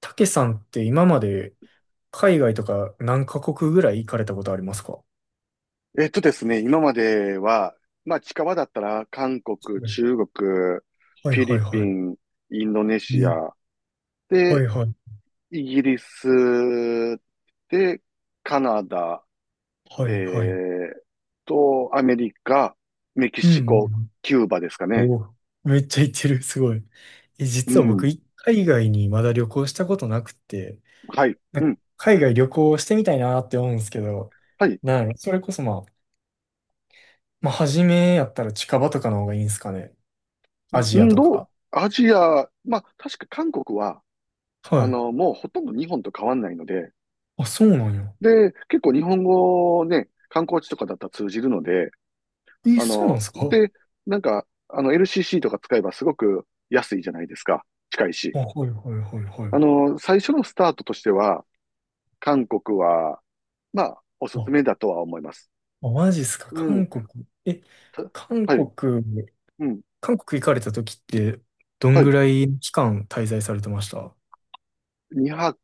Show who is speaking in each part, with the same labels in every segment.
Speaker 1: たけさんって今まで海外とか何カ国ぐらい行かれたことありますか？は
Speaker 2: ですね、今までは、まあ近場だったら韓国、中国、
Speaker 1: い
Speaker 2: フィ
Speaker 1: は
Speaker 2: リ
Speaker 1: い
Speaker 2: ピ
Speaker 1: は
Speaker 2: ン、インドネ
Speaker 1: い。
Speaker 2: シ
Speaker 1: ね、
Speaker 2: ア、
Speaker 1: は
Speaker 2: で、
Speaker 1: いはい
Speaker 2: イギリス、で、カナダ、え
Speaker 1: はいはい。
Speaker 2: ーアメリカ、メキ
Speaker 1: う
Speaker 2: シ
Speaker 1: ん
Speaker 2: コ、
Speaker 1: うん。
Speaker 2: キューバですかね。
Speaker 1: おお、めっちゃ行ってる、すごい。え、
Speaker 2: う
Speaker 1: 実は僕、
Speaker 2: ん。
Speaker 1: 海外にまだ旅行したことなくて、
Speaker 2: はい。
Speaker 1: なん
Speaker 2: う
Speaker 1: か
Speaker 2: ん。
Speaker 1: 海外旅行してみたいなって思うんですけど、
Speaker 2: はい。
Speaker 1: なんやろそれこそまあ、まあ、初めやったら近場とかの方がいいんですかね。ア
Speaker 2: イ
Speaker 1: ジア
Speaker 2: ン
Speaker 1: と
Speaker 2: ド、
Speaker 1: か。
Speaker 2: アジア、まあ確か韓国は、
Speaker 1: は
Speaker 2: あ
Speaker 1: い。
Speaker 2: の、もうほとんど日本と変わんないので、
Speaker 1: あ、そうなんや。
Speaker 2: で、結構日本語ね、観光地とかだったら通じるので、
Speaker 1: え、
Speaker 2: あ
Speaker 1: そうなん
Speaker 2: の、
Speaker 1: ですかあ、
Speaker 2: で、なんか、あの LCC とか使えばすごく安いじゃないですか。近いし。
Speaker 1: はいはいはいは
Speaker 2: あ
Speaker 1: い。
Speaker 2: の、最初のスタートとしては、韓国は、まあ、おすすめ
Speaker 1: あ
Speaker 2: だとは思います。
Speaker 1: あ、マジっすか、
Speaker 2: う
Speaker 1: 韓
Speaker 2: ん。
Speaker 1: 国。え、
Speaker 2: た
Speaker 1: 韓
Speaker 2: は
Speaker 1: 国、
Speaker 2: い。うん。
Speaker 1: 韓国行かれた時って、どん
Speaker 2: は
Speaker 1: ぐ
Speaker 2: い。
Speaker 1: らい期間滞在されてました？
Speaker 2: 2泊、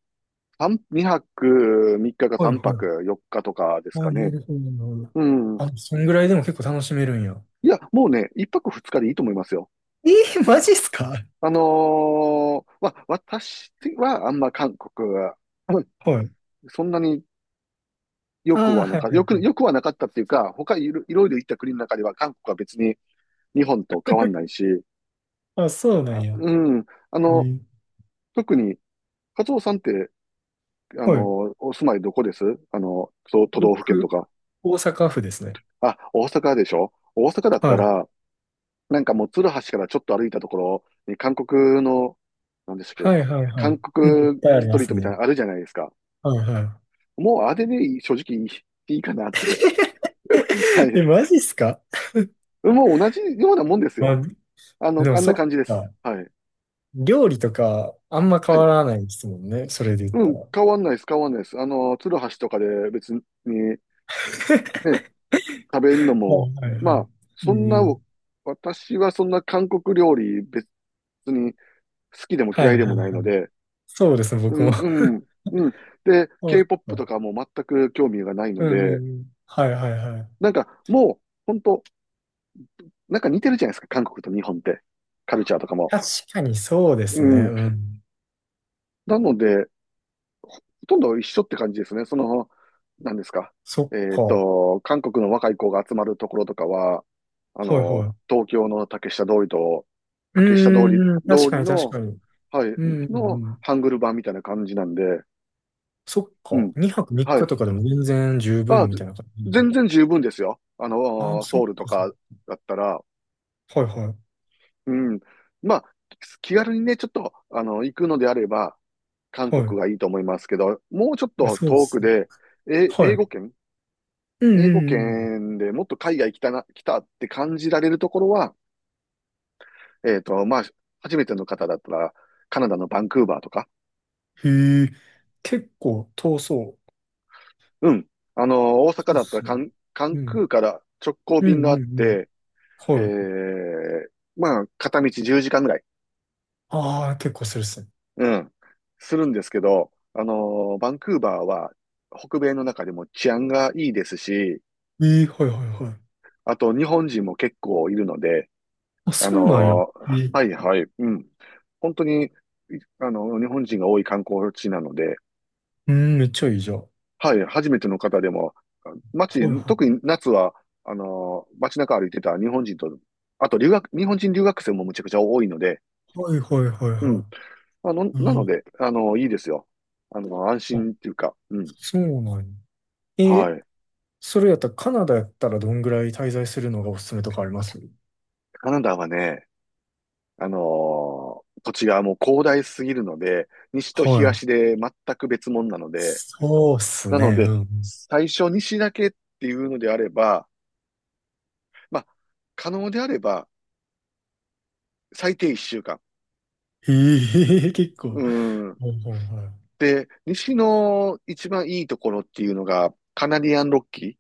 Speaker 2: 2泊3日か
Speaker 1: はい
Speaker 2: 3
Speaker 1: は
Speaker 2: 泊
Speaker 1: い。
Speaker 2: 4日とかです
Speaker 1: あ、
Speaker 2: か
Speaker 1: な
Speaker 2: ね。
Speaker 1: るほど、なるほど。
Speaker 2: うん。
Speaker 1: あ、そんぐらいでも結構楽しめるんや。
Speaker 2: いや、もうね、1泊2日でいいと思いますよ。
Speaker 1: マジっすか？
Speaker 2: あの私はあんま韓国は、うん、
Speaker 1: はい。
Speaker 2: そんなに
Speaker 1: あーはい。
Speaker 2: よくはなかったっていうか、他いろいろ行った国の中では韓国は別に日本と変わん ないし、
Speaker 1: あ、そうなん
Speaker 2: あ、
Speaker 1: や。
Speaker 2: うん。あ
Speaker 1: え
Speaker 2: の、
Speaker 1: ー
Speaker 2: 特に、カツオさんって、あ
Speaker 1: はい。
Speaker 2: の、お住まいどこです？あの、都道府県と
Speaker 1: 僕、
Speaker 2: か。
Speaker 1: 大阪府ですね。
Speaker 2: あ、大阪でしょ？大阪だっ
Speaker 1: は
Speaker 2: た
Speaker 1: い。
Speaker 2: ら、なんかもう、鶴橋からちょっと歩いたところに、韓国の、なんでしたっけ、
Speaker 1: はいはいは
Speaker 2: 韓
Speaker 1: い。うん、いっ
Speaker 2: 国
Speaker 1: ぱいあり
Speaker 2: スト
Speaker 1: ま
Speaker 2: リー
Speaker 1: す
Speaker 2: トみたい
Speaker 1: ね。
Speaker 2: なのあるじゃないですか。
Speaker 1: はいは
Speaker 2: もう、あれでいい、正直いいかなって。は
Speaker 1: い。え、
Speaker 2: い。
Speaker 1: マジっすか？
Speaker 2: もう同じようなもんです
Speaker 1: ま
Speaker 2: よ。
Speaker 1: あ、
Speaker 2: あの、
Speaker 1: でも
Speaker 2: あん
Speaker 1: そ
Speaker 2: な
Speaker 1: っ
Speaker 2: 感じです。
Speaker 1: か。
Speaker 2: はい。
Speaker 1: 料理とか、あんま変
Speaker 2: は
Speaker 1: わ
Speaker 2: い。
Speaker 1: らないですもんね。それで言っ
Speaker 2: う
Speaker 1: た
Speaker 2: ん、
Speaker 1: ら。
Speaker 2: 変わんないです、変わんないです。あの、鶴橋とかで別にね、
Speaker 1: は
Speaker 2: 食べ
Speaker 1: い
Speaker 2: るのも、
Speaker 1: はいはい。
Speaker 2: まあ、そ
Speaker 1: う
Speaker 2: ん
Speaker 1: ん
Speaker 2: な、
Speaker 1: うん。
Speaker 2: 私はそんな韓国料理別に好きでも
Speaker 1: はい
Speaker 2: 嫌いで
Speaker 1: は
Speaker 2: も
Speaker 1: いは
Speaker 2: ないの
Speaker 1: い。
Speaker 2: で、
Speaker 1: そうですね、
Speaker 2: う
Speaker 1: 僕
Speaker 2: ん、
Speaker 1: も。
Speaker 2: う ん、うん。で、
Speaker 1: そう
Speaker 2: K-POP と
Speaker 1: そ
Speaker 2: かも全く興味がない
Speaker 1: う
Speaker 2: の
Speaker 1: うんうんう
Speaker 2: で、
Speaker 1: ん。はいはいはい。
Speaker 2: なんかもう、本当なんか似てるじゃないですか、韓国と日本って。カルチャーとかも。
Speaker 1: 確かにそうで
Speaker 2: う
Speaker 1: すね。
Speaker 2: ん。
Speaker 1: うん。
Speaker 2: なので、ほとんど一緒って感じですね。その、何ですか。
Speaker 1: そっ
Speaker 2: えっ
Speaker 1: か。は
Speaker 2: と、韓国の若い子が集まるところとかは、あ
Speaker 1: い
Speaker 2: の、
Speaker 1: はい。
Speaker 2: 東京の
Speaker 1: う
Speaker 2: 竹下通り、
Speaker 1: ーん、確
Speaker 2: 通
Speaker 1: か
Speaker 2: り
Speaker 1: に確か
Speaker 2: の、
Speaker 1: に。
Speaker 2: はい、
Speaker 1: うんうんう
Speaker 2: の
Speaker 1: ん。
Speaker 2: ハングル版みたいな感じなんで、
Speaker 1: そっ
Speaker 2: う
Speaker 1: か。
Speaker 2: ん、
Speaker 1: 2泊3
Speaker 2: は
Speaker 1: 日
Speaker 2: い。
Speaker 1: とかでも全然十
Speaker 2: あ、
Speaker 1: 分みたいな感じなの
Speaker 2: 全
Speaker 1: か。
Speaker 2: 然十分ですよ。あ
Speaker 1: ああ、
Speaker 2: の、
Speaker 1: そ
Speaker 2: ソ
Speaker 1: っ
Speaker 2: ウ
Speaker 1: か
Speaker 2: ルと
Speaker 1: そっ
Speaker 2: かだったら、
Speaker 1: か。はいはい。
Speaker 2: うん。まあ、気軽にね、ちょっと、あの、行くのであれば、韓
Speaker 1: はい。
Speaker 2: 国がいいと思いますけど、もうちょっ
Speaker 1: まあ、
Speaker 2: と
Speaker 1: そうで
Speaker 2: 遠く
Speaker 1: すね。
Speaker 2: で、え、
Speaker 1: は
Speaker 2: 英語
Speaker 1: い。
Speaker 2: 圏
Speaker 1: うん
Speaker 2: 英
Speaker 1: う
Speaker 2: 語
Speaker 1: んうん。
Speaker 2: 圏でもっと海外来たって感じられるところは、えっと、まあ、初めての方だったら、カナダのバンクーバーとか、
Speaker 1: へえ、結構遠そう。
Speaker 2: うん。あの、大
Speaker 1: そう
Speaker 2: 阪
Speaker 1: で
Speaker 2: だったら
Speaker 1: すよね。
Speaker 2: カン
Speaker 1: う
Speaker 2: クー
Speaker 1: ん。
Speaker 2: から直行
Speaker 1: うん
Speaker 2: 便
Speaker 1: う
Speaker 2: が
Speaker 1: ん
Speaker 2: あ
Speaker 1: う
Speaker 2: っ
Speaker 1: ん。
Speaker 2: て、え
Speaker 1: はい。
Speaker 2: え、まあ、片道10時間ぐらい、
Speaker 1: ああ、結構するっすね。
Speaker 2: うん、するんですけど、あの、バンクーバーは北米の中でも治安がいいですし、
Speaker 1: ええ、はいはいはい。
Speaker 2: あと日本人も結構いるので、
Speaker 1: あ、そうなんや。え
Speaker 2: はい
Speaker 1: え、
Speaker 2: はい、うん。本当に、あの、日本人が多い観光地なので、
Speaker 1: うん、めっちゃいいじゃん。は
Speaker 2: はい、初めての方でも、街、
Speaker 1: いは
Speaker 2: 特
Speaker 1: い。
Speaker 2: に夏は、街中歩いてた日本人と、あと留学、日本人留学生もむちゃくちゃ多いので、
Speaker 1: はいはいはい
Speaker 2: うん。
Speaker 1: は
Speaker 2: あの、
Speaker 1: い。
Speaker 2: な
Speaker 1: え
Speaker 2: の
Speaker 1: え、
Speaker 2: で、あのいいですよ。あの、安
Speaker 1: あ、
Speaker 2: 心っていうか、うん。
Speaker 1: そうなんや。ええ、
Speaker 2: はい。
Speaker 1: それやったらカナダやったらどんぐらい滞在するのがおすすめとかあります？
Speaker 2: カナダはね、あの土地がもう広大すぎるので、西と
Speaker 1: はい。
Speaker 2: 東で全く別物なので、
Speaker 1: そうっす
Speaker 2: なの
Speaker 1: ね、う
Speaker 2: で、
Speaker 1: ん。
Speaker 2: 最初にだけっていうのであれば、まあ、可能であれば、最低1週間。
Speaker 1: ええ、結構。
Speaker 2: うん。
Speaker 1: はいはいは
Speaker 2: で、西の一番いいところっていうのが、カナディアンロッキ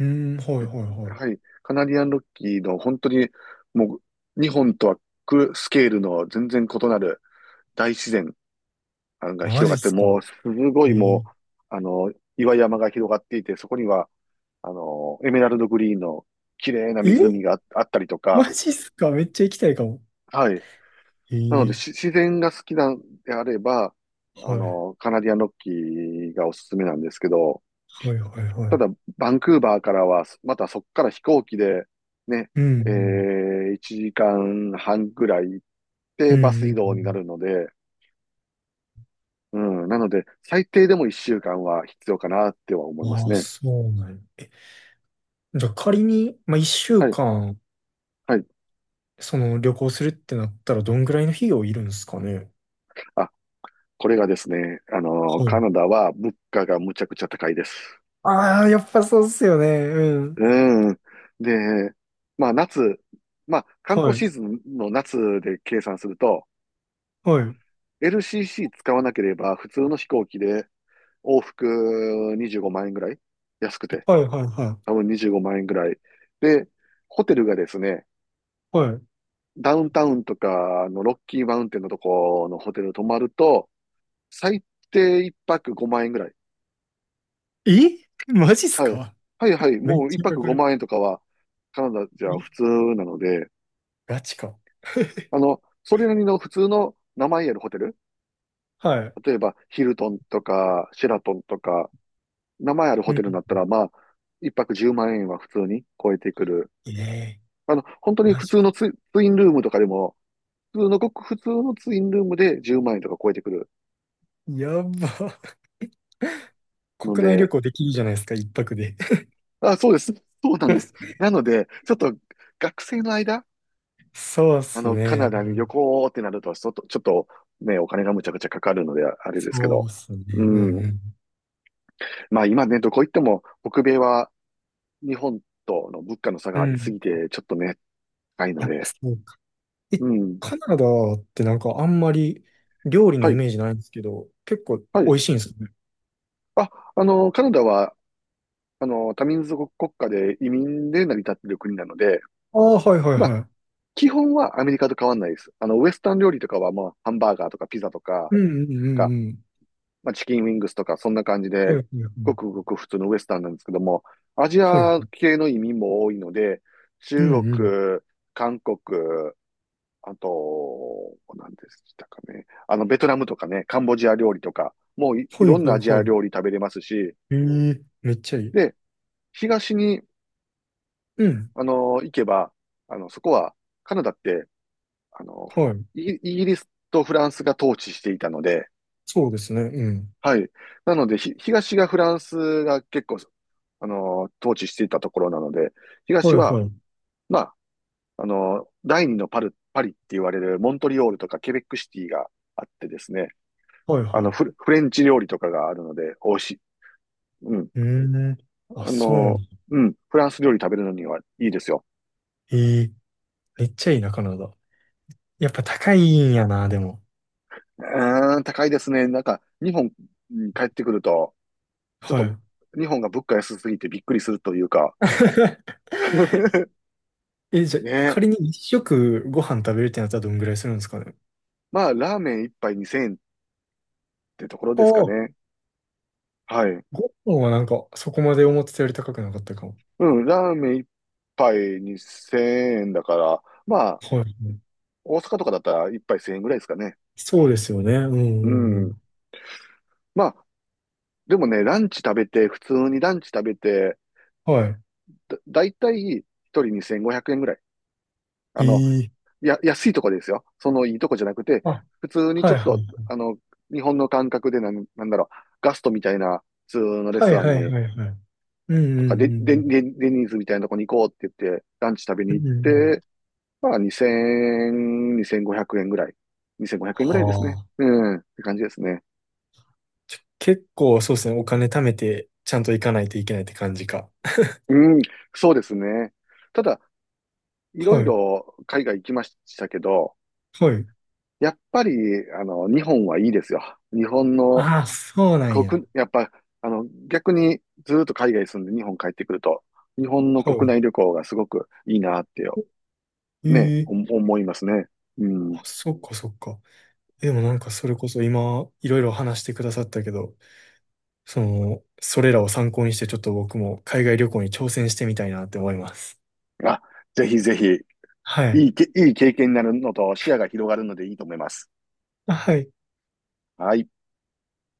Speaker 1: い。うん、はいはいは
Speaker 2: ー。
Speaker 1: い。
Speaker 2: はい。カナディアンロッキーの本当に、もう、日本とはスケールの全然異なる大自然が
Speaker 1: マ
Speaker 2: 広
Speaker 1: ジ
Speaker 2: が
Speaker 1: っ
Speaker 2: って、
Speaker 1: すか。
Speaker 2: もう、すご
Speaker 1: え
Speaker 2: い
Speaker 1: え、
Speaker 2: もう、あの、岩山が広がっていて、そこには、あの、エメラルドグリーンの綺麗な
Speaker 1: え
Speaker 2: 湖
Speaker 1: え
Speaker 2: があったりとか、
Speaker 1: マジっすか？めっちゃ行きたいかも。
Speaker 2: はい。なので、
Speaker 1: ええ
Speaker 2: 自然が好きなんであれば、あ
Speaker 1: はい、
Speaker 2: の、カナディアンロッキーがおすすめなんですけど、
Speaker 1: はい、はい、は
Speaker 2: た
Speaker 1: い。
Speaker 2: だ、バンクーバーからは、またそこから飛行機で、ね、
Speaker 1: うん、うん、
Speaker 2: 1時間半ぐらい行っ
Speaker 1: う
Speaker 2: てバス
Speaker 1: ん、う
Speaker 2: 移動にな
Speaker 1: ん
Speaker 2: るので、うん、なので、最低でも1週間は必要かなっては思
Speaker 1: う
Speaker 2: い
Speaker 1: ん。
Speaker 2: ます
Speaker 1: ああ、
Speaker 2: ね。
Speaker 1: そうなんや。え、じゃあ仮に、まあ、一週
Speaker 2: はい、
Speaker 1: 間、
Speaker 2: はい。
Speaker 1: その旅行するってなったら、どんぐらいの費用いるんですかね？
Speaker 2: あ、これがですね、あの、
Speaker 1: は
Speaker 2: カ
Speaker 1: い。
Speaker 2: ナダは物価がむちゃくちゃ高いです。
Speaker 1: ああ、やっぱそうっすよね。うん。
Speaker 2: うん。で、まあ夏、まあ観
Speaker 1: は
Speaker 2: 光
Speaker 1: い、
Speaker 2: シーズンの夏で計算すると、
Speaker 1: はい、
Speaker 2: LCC 使わなければ普通の飛行機で往復25万円ぐらい安くて、
Speaker 1: はい、はい、はい。
Speaker 2: 多分25万円ぐらい。で、ホテルがですね、
Speaker 1: は
Speaker 2: ダウンタウンとかのロッキーマウンテンのとこのホテル泊まると、最低1泊5万円ぐらい。
Speaker 1: い。え、マジっす
Speaker 2: はい。
Speaker 1: か？
Speaker 2: はいはい。
Speaker 1: めっ
Speaker 2: もう1
Speaker 1: ちゃか
Speaker 2: 泊
Speaker 1: かる。
Speaker 2: 5万円とかはカナダじゃ
Speaker 1: え、
Speaker 2: 普通なので、
Speaker 1: ガチか。
Speaker 2: あの、それなりの普通の名前あるホテル、
Speaker 1: はい。
Speaker 2: 例えばヒルトンとかシェラトンとか、名前ある
Speaker 1: う
Speaker 2: ホテルになった
Speaker 1: ん。
Speaker 2: ら、まあ、一泊10万円は普通に超えてくる。
Speaker 1: ええ、
Speaker 2: あの、本当に
Speaker 1: マ
Speaker 2: 普
Speaker 1: ジ
Speaker 2: 通
Speaker 1: か。
Speaker 2: のツインルームとかでも、普通のごく普通のツインルームで10万円とか超えてくる
Speaker 1: やば。
Speaker 2: の
Speaker 1: 国内旅
Speaker 2: で、
Speaker 1: 行できるじゃないですか、一泊で。
Speaker 2: あ、そうです。そうなんです。なので、ちょっと学生の間、
Speaker 1: そうっ
Speaker 2: あ
Speaker 1: す
Speaker 2: の、カナ
Speaker 1: ね。
Speaker 2: ダに
Speaker 1: う
Speaker 2: 旅
Speaker 1: ん、
Speaker 2: 行ってなると、ちょっと、ちょっとね、お金がむちゃくちゃかかるので、あれですけ
Speaker 1: そう
Speaker 2: ど。
Speaker 1: っすね。
Speaker 2: う
Speaker 1: うんう
Speaker 2: ん。
Speaker 1: ん。
Speaker 2: まあ今ね、どこ行っても北米は日本との物価の差
Speaker 1: う
Speaker 2: がありす
Speaker 1: ん。
Speaker 2: ぎて、ちょっとね、高いの
Speaker 1: やっぱ
Speaker 2: で。
Speaker 1: そうか。え、
Speaker 2: うん。
Speaker 1: カナダってなんかあんまり料理
Speaker 2: は
Speaker 1: のイ
Speaker 2: い、
Speaker 1: メージないんですけど、結構
Speaker 2: は
Speaker 1: 美
Speaker 2: い。
Speaker 1: 味しいんですよね。
Speaker 2: あ、あの、カナダは、あの、多民族国家で移民で成り立っている国なので、
Speaker 1: ああ、はいはい
Speaker 2: まあ、
Speaker 1: はい。
Speaker 2: 基本はアメリカと変わんないです。あの、ウエスタン料理とかは、まあ、ハンバーガーとかピザとか
Speaker 1: うんうんう
Speaker 2: が、
Speaker 1: んうん。
Speaker 2: まあ、チキンウィングスとか、そんな感じ
Speaker 1: はい
Speaker 2: で、
Speaker 1: はいは
Speaker 2: ご
Speaker 1: い。
Speaker 2: くごく普通のウエスタンなんですけども、アジ
Speaker 1: はいは
Speaker 2: ア
Speaker 1: い。
Speaker 2: 系の移民も多いので、
Speaker 1: う
Speaker 2: 中
Speaker 1: んうん。
Speaker 2: 国、韓国、あと、何でしたかね。あの、ベトナムとかね、カンボジア料理とか、もうい
Speaker 1: はいは
Speaker 2: ろんな
Speaker 1: い
Speaker 2: アジア
Speaker 1: はい。
Speaker 2: 料理食べれますし、
Speaker 1: ええ、めっちゃいい。
Speaker 2: で、東に、
Speaker 1: うん。
Speaker 2: あの、行けば、あの、そこは、カナダって、あの、
Speaker 1: はい。
Speaker 2: イギリスとフランスが統治していたので、
Speaker 1: そうですね。うん。
Speaker 2: はい。なので、東がフランスが結構、あの、統治していたところなので、
Speaker 1: は
Speaker 2: 東
Speaker 1: い
Speaker 2: は、
Speaker 1: はい。
Speaker 2: まあ、あの、第二のパリって言われるモントリオールとかケベックシティがあってですね、
Speaker 1: はい
Speaker 2: あ
Speaker 1: は
Speaker 2: の
Speaker 1: い。う
Speaker 2: フレンチ料理とかがあるので、美味しい。うん。
Speaker 1: ん。あ、
Speaker 2: あ
Speaker 1: そうなの。
Speaker 2: の、うん。フランス料理食べるのにはいいですよ。
Speaker 1: ええ、めっちゃいいな、カナダ。やっぱ高いんやな、でも。
Speaker 2: うーん、高いですね。なんか、日本に帰ってくると、ちょっ
Speaker 1: は
Speaker 2: と、
Speaker 1: い。
Speaker 2: 日本が物価安すぎてびっくりするというか。
Speaker 1: え、じゃあ、
Speaker 2: ねえ。
Speaker 1: 仮に一食ご飯食べるってなったらどんぐらいするんですかね。
Speaker 2: まあ、ラーメン一杯2000円ってところ
Speaker 1: ああ、
Speaker 2: ですか
Speaker 1: ご
Speaker 2: ね。はい。
Speaker 1: 飯はなんか、そこまで思ってたより高くなかったかも。
Speaker 2: うん、ラーメン一杯2000円だから、まあ、
Speaker 1: はい。
Speaker 2: 大阪とかだったら一杯1000円ぐらいですかね。
Speaker 1: そうですよね。うんう
Speaker 2: う
Speaker 1: んう
Speaker 2: ん。
Speaker 1: ん。
Speaker 2: まあ、でもね、ランチ食べて、普通にランチ食べて、
Speaker 1: はい。
Speaker 2: だいたい一人2500円ぐらい。あの、
Speaker 1: ええ、
Speaker 2: 安いとこですよ。そのいいとこじゃなくて、
Speaker 1: あ、
Speaker 2: 普通に
Speaker 1: は
Speaker 2: ち
Speaker 1: い
Speaker 2: ょっ
Speaker 1: は
Speaker 2: と、
Speaker 1: い。
Speaker 2: あの、日本の感覚でなんだろう、ガストみたいな普通のレス
Speaker 1: は
Speaker 2: ト
Speaker 1: い
Speaker 2: ラン
Speaker 1: はい
Speaker 2: に、
Speaker 1: はいはい。うんう
Speaker 2: とか、
Speaker 1: ん
Speaker 2: で、
Speaker 1: う
Speaker 2: で、
Speaker 1: ん
Speaker 2: で、デニーズみたいなとこに行こうって言って、ランチ食べに
Speaker 1: うん。
Speaker 2: 行っ
Speaker 1: うんうん。
Speaker 2: て、まあ2000、2500円ぐらい。2500円ぐ
Speaker 1: は
Speaker 2: らいですね。
Speaker 1: あ。
Speaker 2: うん、って感じですね。
Speaker 1: 結構そうですね。お金貯めて、ちゃんと行かないといけないって感じか。
Speaker 2: うん、そうですね。ただ、いろい
Speaker 1: はい。
Speaker 2: ろ海外行きましたけど、
Speaker 1: はい。
Speaker 2: やっぱり、あの、日本はいいですよ。日本の
Speaker 1: ああ、そうなんや。
Speaker 2: 国、やっぱ、あの、逆にずーっと海外住んで日本帰ってくると、日本の国
Speaker 1: は
Speaker 2: 内旅行がすごくいいなってよ、ね、
Speaker 1: い。ええ、
Speaker 2: 思いますね。うん。
Speaker 1: あ、そっかそっか。でもなんかそれこそ今いろいろ話してくださったけど、その、それらを参考にしてちょっと僕も海外旅行に挑戦してみたいなって思います。
Speaker 2: あ、ぜひぜひ、
Speaker 1: はい。
Speaker 2: いい経験になるのと視野が広がるのでいいと思います。
Speaker 1: あはい。
Speaker 2: はい。